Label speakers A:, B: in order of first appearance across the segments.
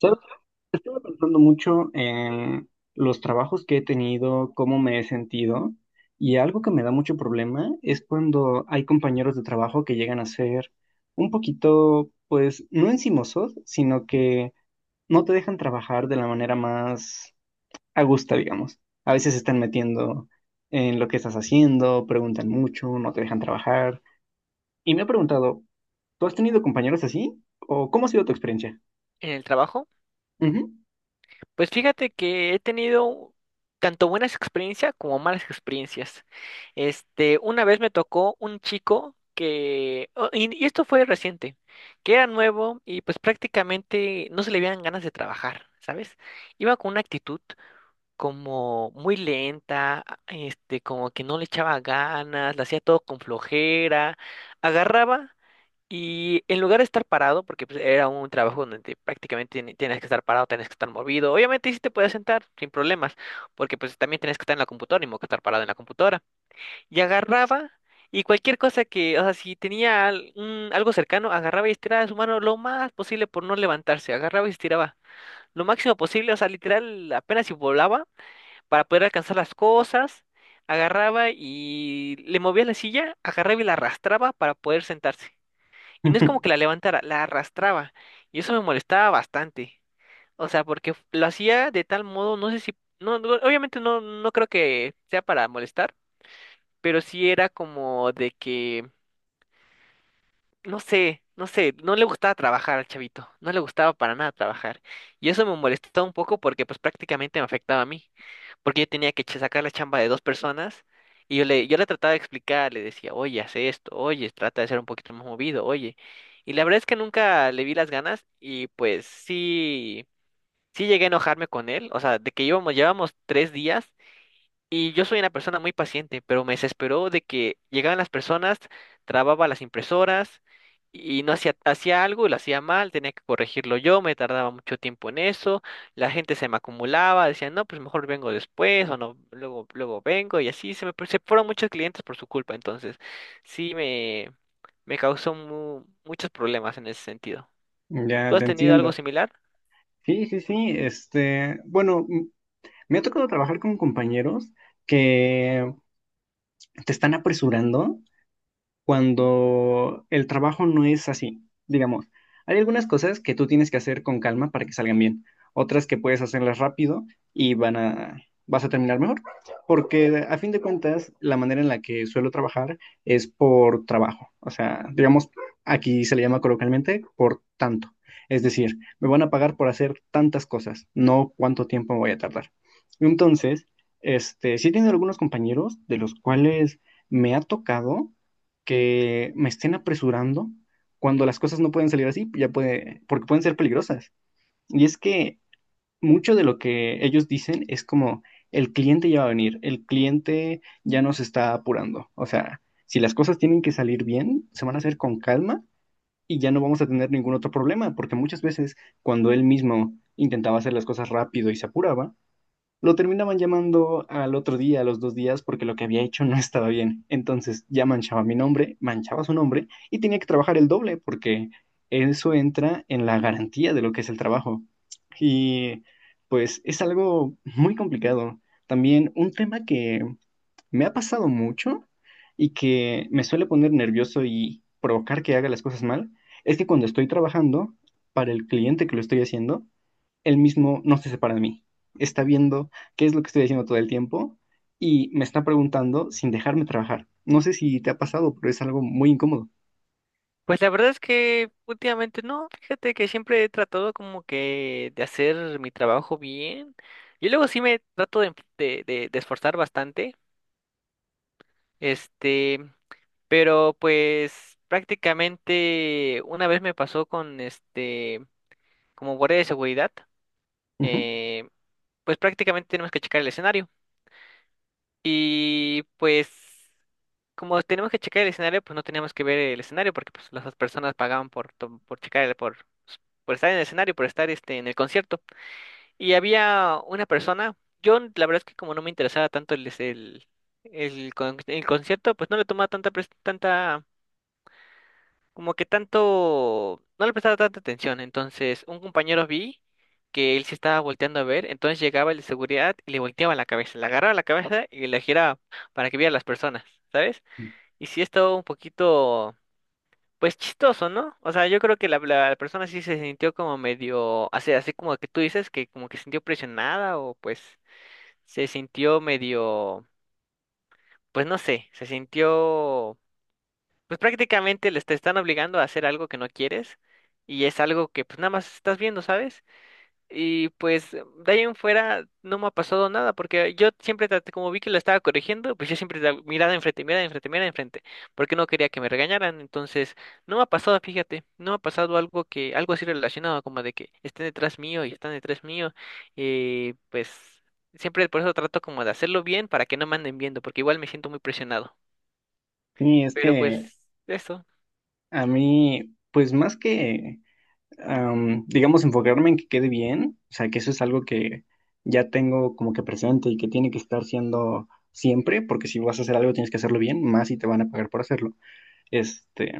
A: ¿Sabes? Estuve pensando mucho en los trabajos que he tenido, cómo me he sentido, y algo que me da mucho problema es cuando hay compañeros de trabajo que llegan a ser un poquito, pues, no encimosos, sino que no te dejan trabajar de la manera más a gusto, digamos. A veces se están metiendo en lo que estás haciendo, preguntan mucho, no te dejan trabajar. Y me he preguntado, ¿tú has tenido compañeros así? ¿O cómo ha sido tu experiencia?
B: ¿En el trabajo?
A: Ujú.
B: Pues fíjate que he tenido tanto buenas experiencias como malas experiencias. Una vez me tocó un chico que, oh, y esto fue reciente, que era nuevo y pues prácticamente no se le veían ganas de trabajar, ¿sabes? Iba con una actitud como muy lenta, como que no le echaba ganas, le hacía todo con flojera, agarraba. Y en lugar de estar parado, porque pues, era un trabajo donde prácticamente tienes que estar parado, tienes que estar movido. Obviamente sí te puedes sentar sin problemas, porque pues también tienes que estar en la computadora, ni modo que estar parado en la computadora. Y agarraba y cualquier cosa que, o sea, si tenía algo cercano, agarraba y estiraba su mano lo más posible por no levantarse. Agarraba y estiraba lo máximo posible, o sea, literal apenas si volaba para poder alcanzar las cosas. Agarraba y le movía la silla, agarraba y la arrastraba para poder sentarse. Y no es como que la levantara, la arrastraba. Y eso me molestaba bastante. O sea, porque lo hacía de tal modo, no sé si, no, no, obviamente no, no creo que sea para molestar, pero sí era como de que, no sé, no sé, no le gustaba trabajar al chavito, no le gustaba para nada trabajar. Y eso me molestaba un poco porque pues prácticamente me afectaba a mí porque yo tenía que sacar la chamba de dos personas y yo le trataba de explicar, le decía, oye, haz esto, oye, trata de ser un poquito más movido, oye. Y la verdad es que nunca le vi las ganas y pues sí, sí llegué a enojarme con él, o sea, de que íbamos, llevamos 3 días y yo soy una persona muy paciente, pero me desesperó de que llegaban las personas, trababa las impresoras y no hacía, hacía algo y lo hacía mal, tenía que corregirlo yo, me tardaba mucho tiempo en eso, la gente se me acumulaba, decían, no, pues mejor vengo después o no, luego, luego vengo y así se fueron muchos clientes por su culpa, entonces sí me, me causó muchos problemas en ese sentido. ¿Tú
A: Ya
B: has
A: te
B: tenido algo
A: entiendo.
B: similar?
A: Sí, sí, sí. Este, bueno, me ha tocado trabajar con compañeros que te están apresurando cuando el trabajo no es así. Digamos, hay algunas cosas que tú tienes que hacer con calma para que salgan bien, otras que puedes hacerlas rápido y van a, vas a terminar mejor, porque a fin de cuentas, la manera en la que suelo trabajar es por trabajo. O sea, digamos, aquí se le llama coloquialmente por tanto. Es decir, me van a pagar por hacer tantas cosas, no cuánto tiempo me voy a tardar. Entonces, este, sí he tenido algunos compañeros de los cuales me ha tocado que me estén apresurando cuando las cosas no pueden salir así, ya puede, porque pueden ser peligrosas. Y es que mucho de lo que ellos dicen es como el cliente ya va a venir, el cliente ya nos está apurando. O sea, si las cosas tienen que salir bien, se van a hacer con calma y ya no vamos a tener ningún otro problema, porque muchas veces cuando él mismo intentaba hacer las cosas rápido y se apuraba, lo terminaban llamando al otro día, a los dos días, porque lo que había hecho no estaba bien. Entonces ya manchaba mi nombre, manchaba su nombre y tenía que trabajar el doble porque eso entra en la garantía de lo que es el trabajo. Y pues es algo muy complicado. También un tema que me ha pasado mucho y que me suele poner nervioso y provocar que haga las cosas mal, es que cuando estoy trabajando para el cliente que lo estoy haciendo, él mismo no se separa de mí. Está viendo qué es lo que estoy haciendo todo el tiempo y me está preguntando sin dejarme trabajar. No sé si te ha pasado, pero es algo muy incómodo.
B: Pues la verdad es que últimamente no, fíjate que siempre he tratado como que de hacer mi trabajo bien. Y luego sí me trato de, de esforzar bastante, este, pero pues prácticamente una vez me pasó con este, como guardia de seguridad,
A: Ujú.
B: eh, pues prácticamente tenemos que checar el escenario. Y pues, como tenemos que checar el escenario, pues no teníamos que ver el escenario porque pues las personas pagaban por, por checar, por estar en el escenario, por estar este, en el concierto. Y había una persona, yo la verdad es que como no me interesaba tanto el, es- el, con- el concierto, pues no le tomaba tanta no le prestaba tanta atención. Entonces, un compañero vi que él se estaba volteando a ver, entonces llegaba el de seguridad y le volteaba la cabeza, le agarraba la cabeza y le giraba para que viera las personas, ¿sabes? Y sí estaba un poquito, pues chistoso, ¿no? O sea, yo creo que la persona sí se sintió como medio, así, así como que tú dices, que como que se sintió presionada o pues se sintió medio, pues no sé, se sintió. Pues prácticamente les te están obligando a hacer algo que no quieres y es algo que pues nada más estás viendo, ¿sabes? Y pues de ahí en fuera no me ha pasado nada porque yo siempre traté, como vi que lo estaba corrigiendo, pues yo siempre mirada enfrente, mirada enfrente, mirada enfrente, porque no quería que me regañaran, entonces no me ha pasado, fíjate, no me ha pasado algo que, algo así relacionado como de que estén detrás mío y están detrás mío y pues siempre por eso trato como de hacerlo bien para que no me anden viendo porque igual me siento muy presionado,
A: Y es
B: pero
A: que
B: pues eso.
A: a mí, pues más que, digamos, enfocarme en que quede bien, o sea, que eso es algo que ya tengo como que presente y que tiene que estar siendo siempre, porque si vas a hacer algo tienes que hacerlo bien, más si te van a pagar por hacerlo. Este,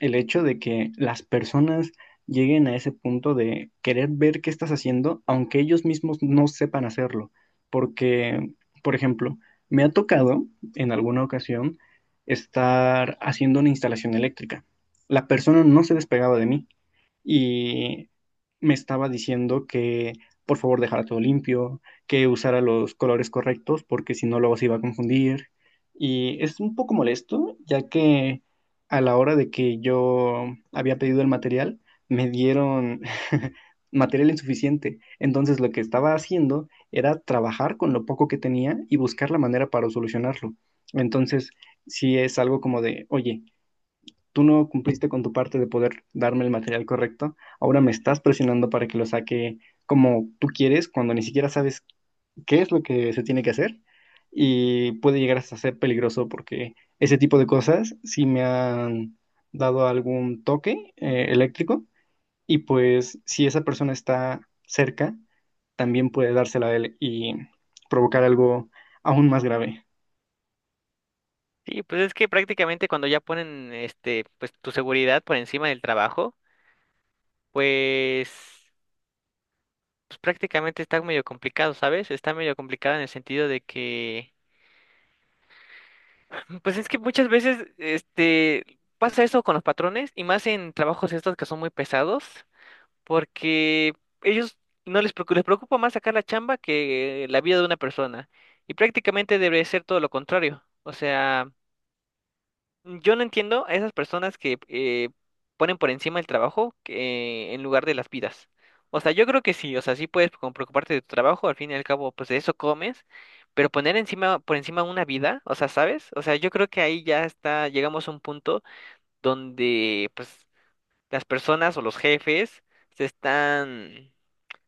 A: el hecho de que las personas lleguen a ese punto de querer ver qué estás haciendo, aunque ellos mismos no sepan hacerlo. Porque, por ejemplo, me ha tocado en alguna ocasión estar haciendo una instalación eléctrica. La persona no se despegaba de mí y me estaba diciendo que por favor dejara todo limpio, que usara los colores correctos porque si no luego se iba a confundir. Y es un poco molesto, ya que a la hora de que yo había pedido el material, me dieron material insuficiente. Entonces lo que estaba haciendo era trabajar con lo poco que tenía y buscar la manera para solucionarlo. Entonces, si es algo como de, oye, tú no cumpliste con tu parte de poder darme el material correcto, ahora me estás presionando para que lo saque como tú quieres, cuando ni siquiera sabes qué es lo que se tiene que hacer y puede llegar hasta ser peligroso porque ese tipo de cosas sí me han dado algún toque eléctrico y pues si esa persona está cerca, también puede dársela a él y provocar algo aún más grave.
B: Sí, pues es que prácticamente cuando ya ponen este, pues tu seguridad por encima del trabajo, pues, pues prácticamente está medio complicado, ¿sabes? Está medio complicado en el sentido de que, pues es que muchas veces este pasa eso con los patrones y más en trabajos estos que son muy pesados, porque ellos no les preocupa, les preocupa más sacar la chamba que la vida de una persona. Y prácticamente debe ser todo lo contrario. O sea, yo no entiendo a esas personas que ponen por encima el trabajo en lugar de las vidas. O sea, yo creo que sí, o sea, sí puedes como preocuparte de tu trabajo, al fin y al cabo, pues de eso comes, pero poner encima, por encima una vida, o sea, ¿sabes? O sea, yo creo que ahí ya está, llegamos a un punto donde, pues, las personas o los jefes se están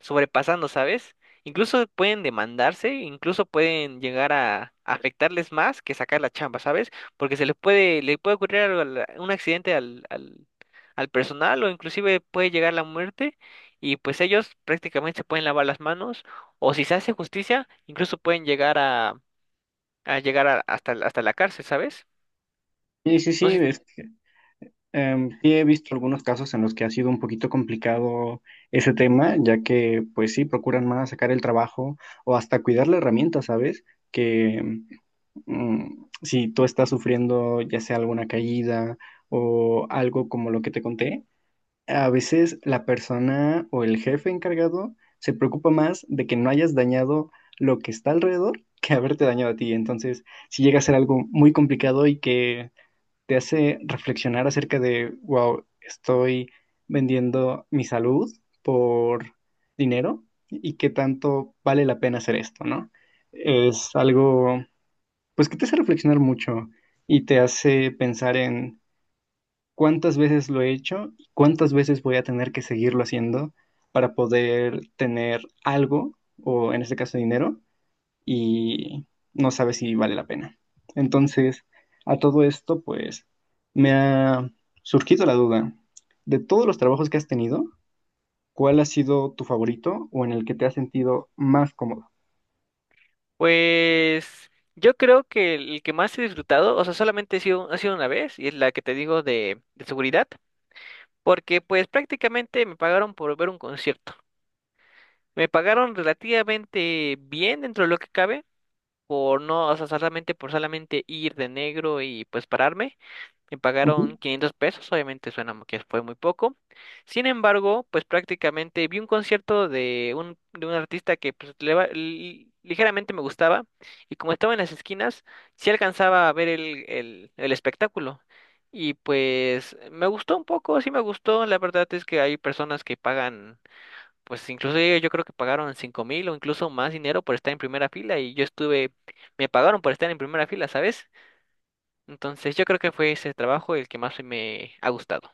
B: sobrepasando, ¿sabes? Incluso pueden demandarse, incluso pueden llegar a afectarles más que sacar la chamba, ¿sabes? Porque le puede ocurrir algo un accidente al personal o inclusive puede llegar la muerte y pues ellos prácticamente se pueden lavar las manos o si se hace justicia, incluso pueden llegar a llegar hasta la cárcel, ¿sabes?
A: Sí, sí,
B: No
A: sí,
B: sé.
A: es. Sí, he visto algunos casos en los que ha sido un poquito complicado ese tema, ya que pues sí, procuran más sacar el trabajo o hasta cuidar la herramienta, ¿sabes? Que mm, si tú estás sufriendo ya sea alguna caída o algo como lo que te conté, a veces la persona o el jefe encargado se preocupa más de que no hayas dañado lo que está alrededor que haberte dañado a ti. Entonces, si llega a ser algo muy complicado y que te hace reflexionar acerca de, wow, estoy vendiendo mi salud por dinero y qué tanto vale la pena hacer esto, ¿no? Es algo, pues, que te hace reflexionar mucho y te hace pensar en cuántas veces lo he hecho y cuántas veces voy a tener que seguirlo haciendo para poder tener algo, o en este caso dinero, y no sabes si vale la pena. Entonces, a todo esto, pues, me ha surgido la duda, de todos los trabajos que has tenido, ¿cuál ha sido tu favorito o en el que te has sentido más cómodo?
B: Pues yo creo que el que más he disfrutado, o sea, solamente ha sido una vez, y es la que te digo de seguridad, porque pues prácticamente me pagaron por ver un concierto. Me pagaron relativamente bien dentro de lo que cabe, por no, o sea, solamente por solamente ir de negro y pues pararme. Me pagaron 500 pesos, obviamente suena que fue muy poco. Sin embargo, pues prácticamente vi un concierto de de un artista que pues, ligeramente me gustaba y como estaba en las esquinas, sí alcanzaba a ver el espectáculo. Y pues me gustó un poco, sí me gustó. La verdad es que hay personas que pagan, pues incluso yo creo que pagaron 5000 o incluso más dinero por estar en primera fila y yo estuve, me pagaron por estar en primera fila, ¿sabes? Entonces yo creo que fue ese trabajo el que más me ha gustado.